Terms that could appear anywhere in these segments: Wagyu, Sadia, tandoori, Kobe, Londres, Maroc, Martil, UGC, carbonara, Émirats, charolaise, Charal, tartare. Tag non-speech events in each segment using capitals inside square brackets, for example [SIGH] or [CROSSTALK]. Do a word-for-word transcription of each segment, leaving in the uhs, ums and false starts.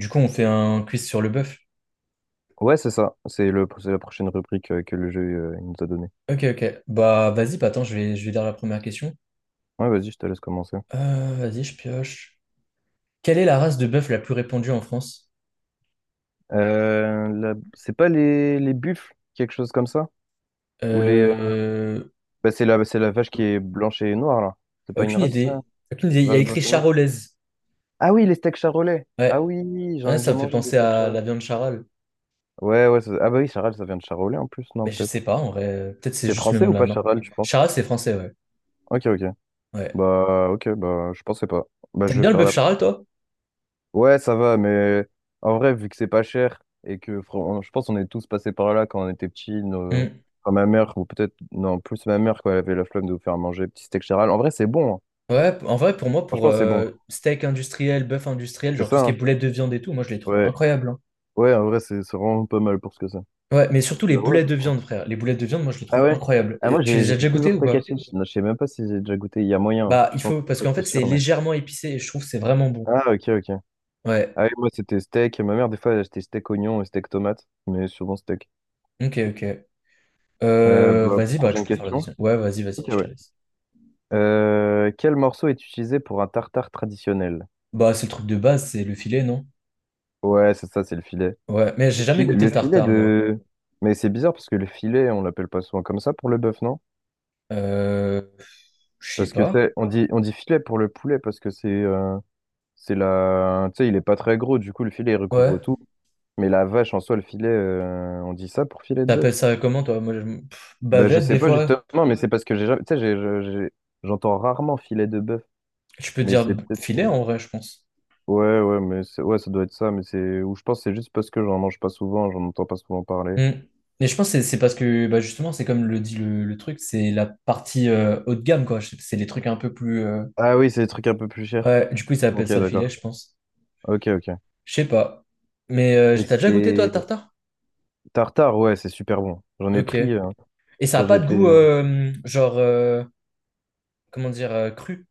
Du coup, on fait un quiz sur le bœuf. Ouais, c'est ça. C'est le, c'est la prochaine rubrique euh, que le jeu euh, il nous a donnée. Ok, ok. Bah, vas-y, bah, attends, je vais, je vais lire la première question. Ouais, vas-y, je te laisse commencer. Euh, vas-y, je pioche. Quelle est la race de bœuf la plus répandue en France? Euh, la- C'est pas les, les buffles, quelque chose comme ça? Ou les... euh, Euh, bah, c'est la, c'est la vache qui est blanche et noire, là. C'est pas une Aucune race, ça? idée. Aucune idée. Il y a Vache écrit blanche et noire. charolaise. Ah oui, les steaks charolais. Ah Ouais. oui, j'en Ouais, ai ça déjà me fait mangé des penser steaks à la charolais. viande charale. Ouais, ouais. ça- Ah bah oui, Charal, ça vient de Charolais en plus, non, Mais je sais peut-être. pas, en vrai. Peut-être c'est C'est juste le français nom ou de la pas marque. Charal, tu penses? Charale, c'est français, ouais. Ok, ok. Ouais. Bah, ok, bah, je pensais pas. Bah, T'aimes je bien vais le faire bœuf la... charale, toi? Ouais, ça va, mais en vrai, vu que c'est pas cher et que fran- je pense qu'on est tous passés par là quand on était petits, nos- Hmm. enfin, ma mère, ou peut-être, non, plus ma mère, quand elle avait la flemme de nous faire manger, petit steak charal. En vrai, c'est bon, hein. Ouais, en vrai, pour moi, pour Franchement, c'est bon. euh, steak industriel, bœuf industriel, C'est genre tout ça, ce qui est hein. boulettes de viande et tout, moi, je les trouve Ouais, incroyables, hein. ouais, en vrai, c'est c'est vraiment pas mal pour ce que c'est. Ouais, mais surtout les Euh, ouais, boulettes de viande, franchement. frère. Les boulettes de viande, moi, je les Ah trouve ouais? incroyables. Ah, Et moi, tu j'ai les as j'étais déjà goûtées toujours ou steak pas? haché. Je je sais même pas si j'ai déjà goûté. Il y a moyen, hein. Bah, Je il pense, que faut, c'est parce qu'en presque fait, c'est sûr, mais. légèrement épicé et je trouve que c'est vraiment bon. Ah, ok, ok. Ouais, Ah, oui, moi, c'était steak. Ma mère, des fois, elle achetait steak oignon et steak tomate, mais souvent steak. ok, ok. Euh, Euh, bah, Vas-y, bah, tu prochaine peux faire le question. deuxième. Ouais, vas-y, vas-y, Ok, je ouais. te laisse. Euh, quel morceau est utilisé pour un tartare traditionnel? Bah, c'est le truc de base, c'est le filet, non? Ouais, c'est ça, c'est le filet. Ouais, mais Le j'ai jamais filet, goûté le le Ouais, filet tartare, moi. de... Mais c'est bizarre parce que le filet, on l'appelle pas souvent comme ça pour le bœuf, non? Euh, je sais Parce que, tu pas. sais, on dit, on dit filet pour le poulet parce que c'est euh, c'est la... Tu sais, il est pas très gros, du coup, le filet, il recouvre Ouais. tout. Mais la vache, en soi, le filet, euh, on dit ça pour filet de bœuf? T'appelles ça comment, toi? Moi, je- pff, Ben, je bavette, sais, des ouais, pas, fois. justement, mais c'est parce que j'ai jamais... Tu sais, j'ai- j'ai- j'ai- j'entends rarement filet de bœuf. Tu peux Mais dire c'est peut-être... filet, euh, en vrai, je pense. Ouais, ouais, mais c'est- ouais, ça doit être ça, mais c'est ou je pense que c'est juste parce que j'en mange pas souvent, j'en entends pas souvent parler. Mm. Mais je pense que c'est c'est parce que bah, justement, c'est comme le dit le, le truc, c'est la partie euh, haut de gamme, quoi. C'est c'est les trucs un peu plus, euh, Ah oui, c'est des trucs un peu plus chers. ouais, du coup, ils appellent Ok, ça le filet, d'accord. je pense. Ok, ok. Je sais pas. Mais euh, Et t'as déjà goûté, toi, le c'est tartare? tartare, ouais, c'est super bon. J'en ai Ok. pris euh, Et ça a quand pas de j'étais... goût, euh, euh, genre, euh, comment dire, euh, cru?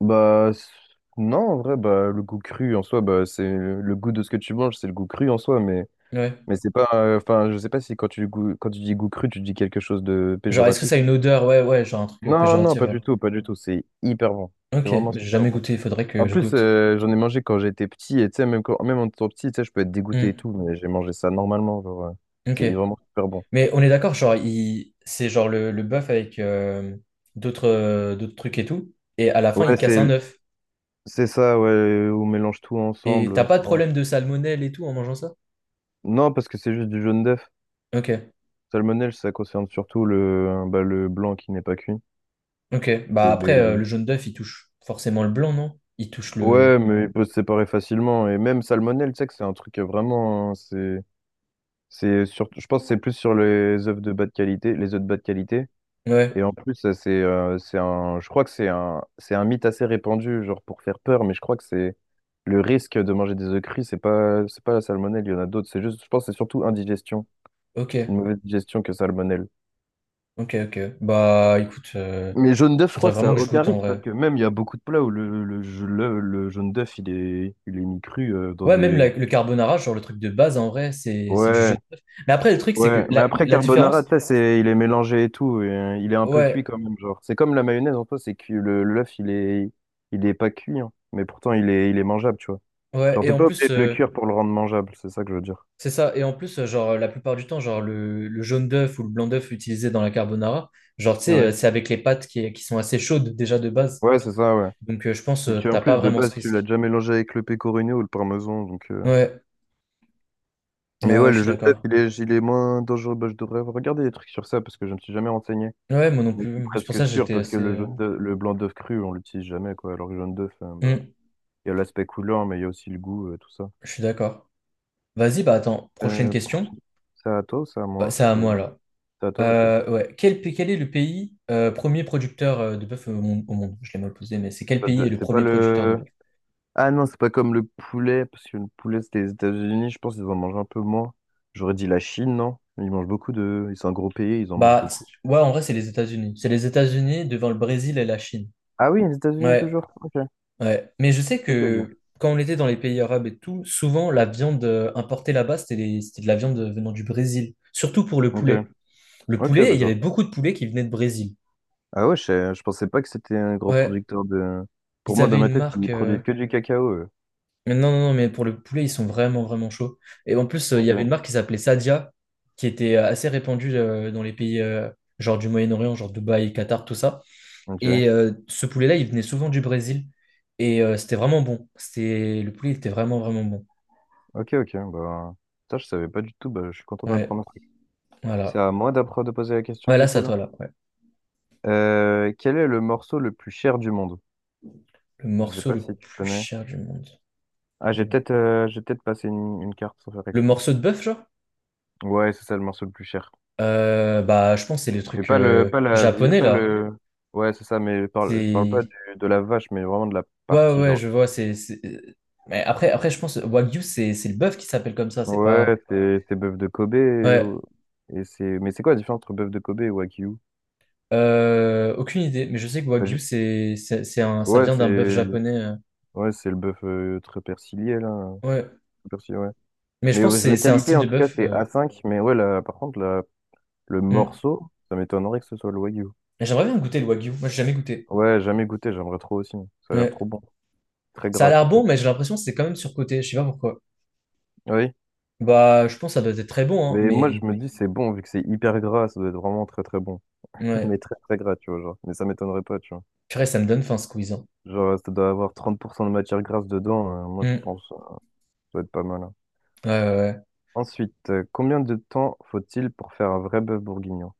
Bah s- non, en vrai, bah le goût cru en soi, bah c'est le goût de ce que tu manges, c'est le goût cru en soi, mais Ouais. mais c'est pas. euh, Enfin, je sais pas si quand tu goût... quand tu dis goût cru, tu dis quelque chose de Genre, est-ce que péjoratif. ça a une odeur? Ouais, ouais, genre un truc euh, Non, non, péjoratif, pas ouais. du tout, pas du tout. C'est hyper bon. C'est Ok, vraiment mais j'ai super jamais bon. goûté, il faudrait que En je plus, goûte. euh, j'en ai mangé quand j'étais petit, et tu sais, même, quand, même en étant petit, tu sais, je peux être dégoûté et Mm. tout, mais j'ai mangé ça normalement, genre, euh, Ok. c'est vraiment super bon. Mais on est d'accord, genre, il... c'est genre le, le bœuf avec euh, d'autres euh, d'autres trucs et tout. Et à la fin, Ouais, il casse c'est, un œuf. c'est ça, ouais, on mélange tout Et ensemble, t'as euh, pas de souvent. problème de salmonelle et tout en mangeant ça? Non, parce que c'est juste du jaune d'œuf. Ok, Salmonelle, ça concerne surtout le, bah, le blanc qui n'est pas cuit. ok. Et Bah après, euh, le les- jaune d'œuf, il touche forcément le blanc, non? Il touche Ouais, le... mais il peut se séparer facilement, et même salmonelle, tu sais que c'est un truc euh, vraiment, hein, c'est, c'est surtout, je pense que c'est plus sur les œufs de bas de qualité, les œufs de bas de qualité. Ouais, Et en plus, ça, c'est euh, c'est un, je crois que c'est un, c'est un mythe assez répandu, genre pour faire peur, mais je crois que c'est le risque de manger des œufs crus, c'est pas, c'est pas la salmonelle, il y en a d'autres. C'est juste, je pense, que c'est surtout indigestion, ok, une mauvaise digestion que salmonelle. ok, ok. Bah écoute, euh, Mais jaune d'œuf, je faudrait crois que ça a vraiment que je aucun goûte en risque parce vrai. que même il y a beaucoup de plats où le, le, le, le jaune d'œuf, il est, il est mis cru euh, dans Ouais, même la- des... le carbonara, genre le truc de base, en vrai, c'est c'est du Ouais. jaune d'œuf. Mais après, le truc, c'est Ouais, que mais la, après la carbonara, tu différence... sais, c'est, il est mélangé et tout, et, euh, il est un peu cuit Ouais, quand même, genre. C'est comme la mayonnaise en soi, c'est que le l'œuf, il est, il est pas cuit, hein. mais pourtant il est, il est mangeable, tu vois. ouais. Genre Et t'es en pas obligé plus... de le euh, cuire pour le rendre mangeable, c'est ça que je veux dire. c'est ça. Et en plus, euh, genre, la plupart du temps, genre, le, le jaune d'œuf ou le blanc d'œuf utilisé dans la carbonara, genre, tu sais, euh, Ouais, c'est avec les pâtes qui, qui sont assez chaudes déjà de base. ouais, c'est ça, ouais. Donc, euh, je pense, Et euh, tu en t'as pas plus de vraiment ce base, tu l'as risque. déjà mélangé avec le pecorino ou le parmesan, donc. euh, Ouais, ah Mais ouais, ouais, je le suis Genève, d'accord. il est, il est moins dangereux. Bah, je devrais regarder des trucs sur ça parce que je ne me suis jamais renseigné. Ouais, moi non Mais je suis plus. C'est pour presque ça que sûr j'étais parce que assez, le euh, jaune d'œuf- le blanc d'œuf cru, on l'utilise jamais, quoi. Alors que le jaune d'œuf, euh, bah. hmm, Il y a l'aspect couleur, mais il y a aussi le goût, euh, tout ça. je suis d'accord. Vas-y, bah attends, prochaine Euh, question. c'est à toi ou c'est à Euh, moi? C'est à J'ai moi oublié. là. C'est à toi, ok. Euh, ouais. Quel, pa- quel est le pays euh, premier producteur euh, de bœuf au monde, au monde, je l'ai mal posé, mais c'est quel Ça pays te- est le C'est pas premier producteur de le... bœuf? Ah non, c'est pas comme le poulet, parce que le poulet, c'était les États-Unis, je pense qu'ils en mangent un peu moins. J'aurais dit la Chine, non? Ils mangent beaucoup de... Ils sont un gros pays, ils en mangent Bah, c- beaucoup. ouais, en vrai, c'est les États-Unis. C'est les États-Unis devant le Brésil et la Chine. Ah oui, les États-Unis Ouais, toujours. Ok. ouais. Mais je sais Ok, ok. que quand on était dans les pays arabes et tout, souvent la viande euh, importée là-bas, c'était des- c'était de la viande euh, venant du Brésil. Surtout pour le Ok, poulet. Le ok, poulet, il y avait d'accord. beaucoup de poulets qui venaient de Brésil. Ah ouais, je, sais- je pensais pas que c'était un gros Ouais, producteur de... Pour ils moi, dans avaient ma une tête, marque, ils euh, produisent que du cacao, eux. mais non, non, non, mais pour le poulet, ils sont vraiment, vraiment chauds. Et en plus, euh, il y avait une Ok. marque qui s'appelait Sadia, qui était euh, assez répandue euh, dans les pays, euh, genre du Moyen-Orient, genre Dubaï, Qatar, tout ça. Ok. Et euh, ce poulet-là, il venait souvent du Brésil. Et euh, c'était vraiment bon. C'était... Le poulet était vraiment, vraiment bon. Ok, ok. Bah, ça, je savais pas du tout. Bah, je suis content Ouais. d'apprendre. C'est Voilà. à moi d'appre- de poser la question Ouais, là, du c'est à coup là. toi, là. Ouais. Euh, quel est le morceau le plus cher du monde? Le Je sais morceau pas le si tu plus connais. cher du monde. Ah, j'ai peut-être euh, j'ai peut-être passé une, une carte sans faire Le exprès. morceau de bœuf, genre? Ouais, c'est ça le morceau le plus cher. Euh, bah, je pense que c'est les Mais trucs pas le euh, pas la vie japonais, pas là. le. Ouais, c'est ça, mais je parle, je parle pas C'est... du- de la vache, mais vraiment de la ouais, partie ouais, genre. je vois, c'est... c'est- mais après, après, je pense, Wagyu, c'est c'est le bœuf qui s'appelle comme ça, c'est Ouais, pas... c'est c'est bœuf de Kobe et, Ouais, et c'est mais c'est quoi la différence entre bœuf de Kobe et Wagyu? Euh, aucune idée, mais je sais que Bah, Wagyu, j'ai- c'est c'est- c'est un... ça Ouais, vient d'un bœuf c'est japonais, euh. ouais, c'est le bœuf euh, très persillé là, ouais, très persillé, ouais. mais je Mais pense euh, que c'est la c'est un qualité, style en de tout cas, bœuf, c'est euh. A cinq. Mais ouais, la- par contre, la- le hmm. morceau, ça m'étonnerait que ce soit le Wagyu. J'aimerais bien goûter le Wagyu, moi, j'ai jamais goûté. Ouais, jamais goûté, j'aimerais trop aussi. Ça a l'air Ouais. trop bon. Très Ça a gras l'air bon, surtout. mais j'ai l'impression que c'est quand même surcoté, je sais pas pourquoi. Oui. Bah, je pense que ça doit être très bon, hein, Mais moi, je mais me dis, c'est bon, vu que c'est hyper gras, ça doit être vraiment très très bon. [LAUGHS] Mais ouais. très très gras, tu vois, genre. Mais ça m'étonnerait pas, tu vois. Purée, ça me donne faim ce quiz, hein. Genre, ça doit avoir trente pour cent de matière grasse dedans. Euh, moi, je Hmm. pense, euh, ça doit être pas mal. hein. Ouais, ouais, ouais. Ensuite, euh, combien de temps faut-il pour faire un vrai bœuf bourguignon?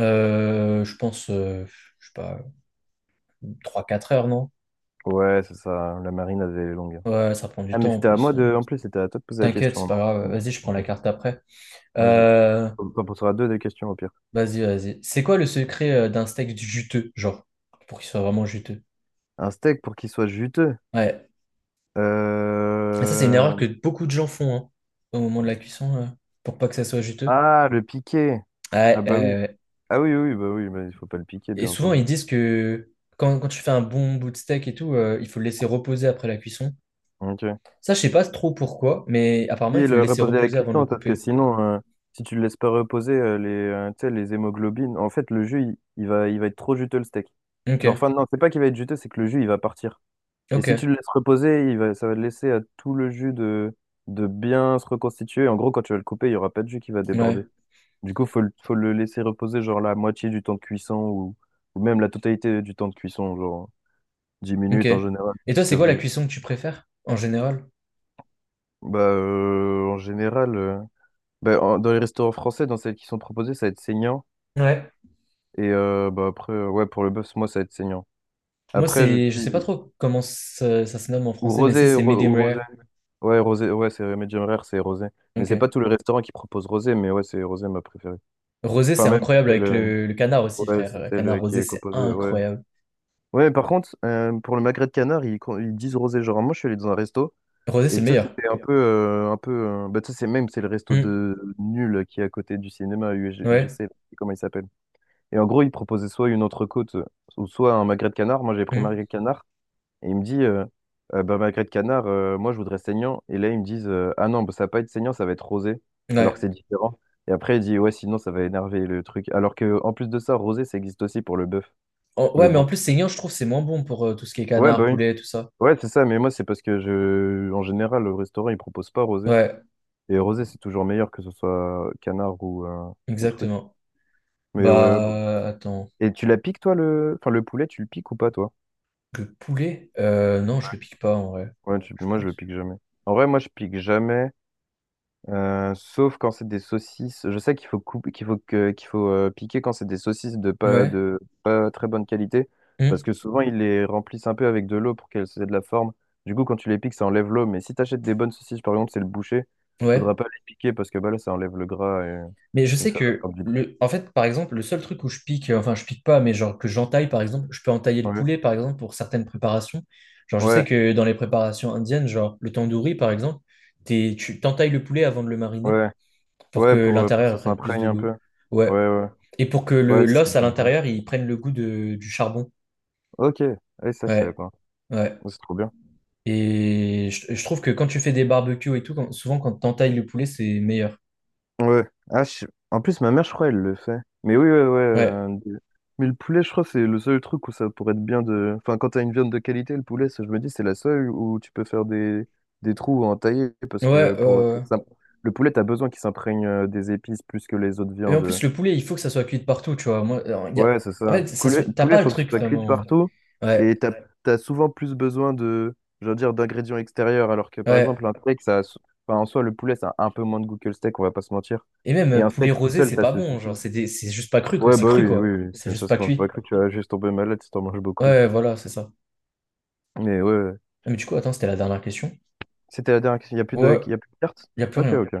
Euh, je pense, euh, je sais pas, trois, quatre heures, non? Ouais, c'est ça, la marine elle est longue. hein. Ouais, ça prend du Ah, mais temps en c'était à plus, moi hein. de. En plus, c'était à toi de poser la T'inquiète, question, c'est hein, pas non? grave. Ok. Vas-y, je prends ok. la carte après. Vas-y. Euh, on T'en poseras deux des questions au pire. vas-y, vas-y. C'est quoi le secret euh, d'un steak juteux, genre, pour qu'il soit vraiment juteux? Un steak pour qu'il soit juteux. Ouais. Et ça, c'est une erreur Euh, que beaucoup de gens font hein, au moment de la cuisson, euh, pour pas que ça soit juteux. Ah, le piquer. Ouais, Ah ouais, bah oui. ouais. Ah oui, oui, bah oui, bah, il faut pas le piquer, Et bien souvent, entendu. ils disent que quand, quand tu fais un bon bout de steak et tout, euh, il faut le laisser reposer après la cuisson. Ok. Ça, je sais pas trop pourquoi, mais apparemment, il Et faut le le laisser reposer à la reposer avant de le cuisson, parce que couper. sinon, euh, si tu le laisses pas reposer, euh, les, euh, tu sais, les hémoglobines, en fait, le jus, il, il va, il va être trop juteux, le steak. Genre, Ok, enfin, non, c'est pas qu'il va être juteux, c'est que le jus, il va partir. Et si tu ok, le laisses reposer, il va, ça va laisser à tout le jus de, de bien se reconstituer. En gros, quand tu vas le couper, il y aura pas de jus qui va déborder. ouais, Du coup, faut, le- faut le laisser reposer genre la moitié du temps de cuisson ou, ou même la totalité du temps de cuisson, genre dix ok. minutes en général, Et toi, c'est dix quinze quoi la minutes. cuisson que tu préfères en général? Bah, euh, en général, euh, bah, en- dans les restaurants français, dans celles qui sont proposées, ça va être saignant. Ouais. Et euh, bah, après, euh, ouais, pour le bœuf, moi, ça va être saignant. Moi, Après, je c'est, je sais pas dis, trop comment ça, ça se nomme en ou français, mais c'est rosé, c'est ro- medium ou rosé. rare. Ouais, rosé, ouais, c'est médium rare, c'est rosé. Mais c'est pas Ok. tous les restaurants qui proposent rosé, mais ouais, c'est rosé ma préférée. Rosé, c'est Enfin, même, incroyable c'est avec le, le, le canard aussi, ouais, frère. c'est Le canard celle qui rosé, est c'est composée, ouais. incroyable. Ouais, par contre, euh, pour le magret de canard, ils, con- ils disent rosé. Genre, moi, je suis allé dans un resto, Rosé, c'est et le tu sais, meilleur. c'était un peu. euh, un peu euh, bah, tu sais, c'est même, c'est le resto Hmm, de Nul qui est à côté du cinéma UG ouais. U G C, là, comment il s'appelle. Et en gros, ils proposaient soit une entrecôte, euh, ou soit un magret de canard. Moi, j'ai pris Hmm, magret de canard, et il me dit, euh, euh, bah, magret de canard, euh, moi, je voudrais saignant. Et là, ils me disent, euh, ah non, bah, ça va pas être saignant, ça va être rosé, alors que ouais. c'est différent. Et après, il dit, ouais, sinon, ça va énerver le truc. Alors que, en plus de ça, rosé, ça existe aussi pour le bœuf. En- ouais, Mais mais bon. en plus, saignant, je trouve, c'est moins bon pour euh, tout ce qui est Ouais, bah canard, oui. poulet, tout ça. Ouais, c'est ça, mais moi, c'est parce que je, en général, le restaurant, il propose pas rosé. Ouais, Et rosé, c'est toujours meilleur que ce soit canard ou, euh, ou truc. exactement. Mais ouais, bon. Bah, attends. Et tu la piques, toi, le, enfin, le poulet, tu le piques ou pas, toi? Le poulet? Euh, non, je le pique pas, en vrai. Ouais, tu- Je moi, je le pense. pique jamais. En vrai, moi, je pique jamais. Euh, sauf quand c'est des saucisses. Je sais qu'il faut couper, qu'il faut que, qu'il faut euh, piquer quand c'est des saucisses de pas Ouais. de pas très bonne qualité, parce Hmm, que souvent ils les remplissent un peu avec de l'eau pour qu'elles aient de la forme. Du coup, quand tu les piques, ça enlève l'eau. Mais si tu achètes des bonnes saucisses, par exemple, c'est le boucher, ouais. faudra pas les piquer parce que bah là, ça enlève le gras Mais je et, et sais ça va que, faire du goût. le... en fait, par exemple, le seul truc où je pique, euh, enfin, je pique pas, mais genre que j'entaille, par exemple, je peux entailler le Ouais, poulet, par exemple, pour certaines préparations. Genre, je sais ouais, que dans les préparations indiennes, genre le tandoori, par exemple, t'es- tu t'entailles le poulet avant de le mariner ouais, pour que ouais, pour, euh, pour que ça l'intérieur prenne plus s'imprègne de un peu. goût. Ouais. Ouais, ouais, Et pour que le ouais, ça sent l'os à un peu. l'intérieur, il prenne le goût de, du charbon. Ok, ouais, ça je savais Ouais, pas. ouais. C'est trop bien. Et je, je trouve que quand tu fais des barbecues et tout, quand- souvent quand t'entailles le poulet, c'est meilleur. Ouais. Ah, je- En plus, ma mère, je crois, elle le fait. Mais oui, ouais, ouais. Ouais, euh, de- Mais le poulet, je crois, c'est le seul truc où ça pourrait être bien de. Enfin, quand t'as une viande de qualité, le poulet, ça, je me dis, c'est la seule où tu peux faire des, des trous en tailler parce ouais, que pour que euh, ça-, le poulet, t'as besoin qu'il s'imprègne euh, des épices plus que les autres et en viandes. plus, le poulet, il faut que ça soit cuit de partout, tu vois. Moi, euh, y a- Ouais, c'est en ça. fait, ça se- Poulet, t'as poulet, pas le faut que ce truc soit cuit de vraiment. partout. Ouais, Et t'as, t'as souvent plus besoin de, je veux dire, d'ingrédients extérieurs. Alors que, par ouais. exemple, un steak, ça, a s- enfin, en soi, le poulet, ça a un peu moins de goût que le steak, on va pas se mentir. Et même Et euh, un poulet steak tout rosé, seul, c'est ça pas se bon. Genre, suffit. c'est des- c'est juste pas cru, quoi. Ouais, C'est bah cru, oui, oui, quoi. oui, C'est ça, juste ça se pas mange. J'ai pas cuit. cru que tu vas juste tomber malade si t'en manges beaucoup. Ouais, voilà, c'est ça. Mais ouais, ouais. Ah, mais du coup, attends, c'était la dernière question. c'était la dernière question. Il y a plus de, Ouais, il y a plus de cartes? y a plus Ok, rien. ok.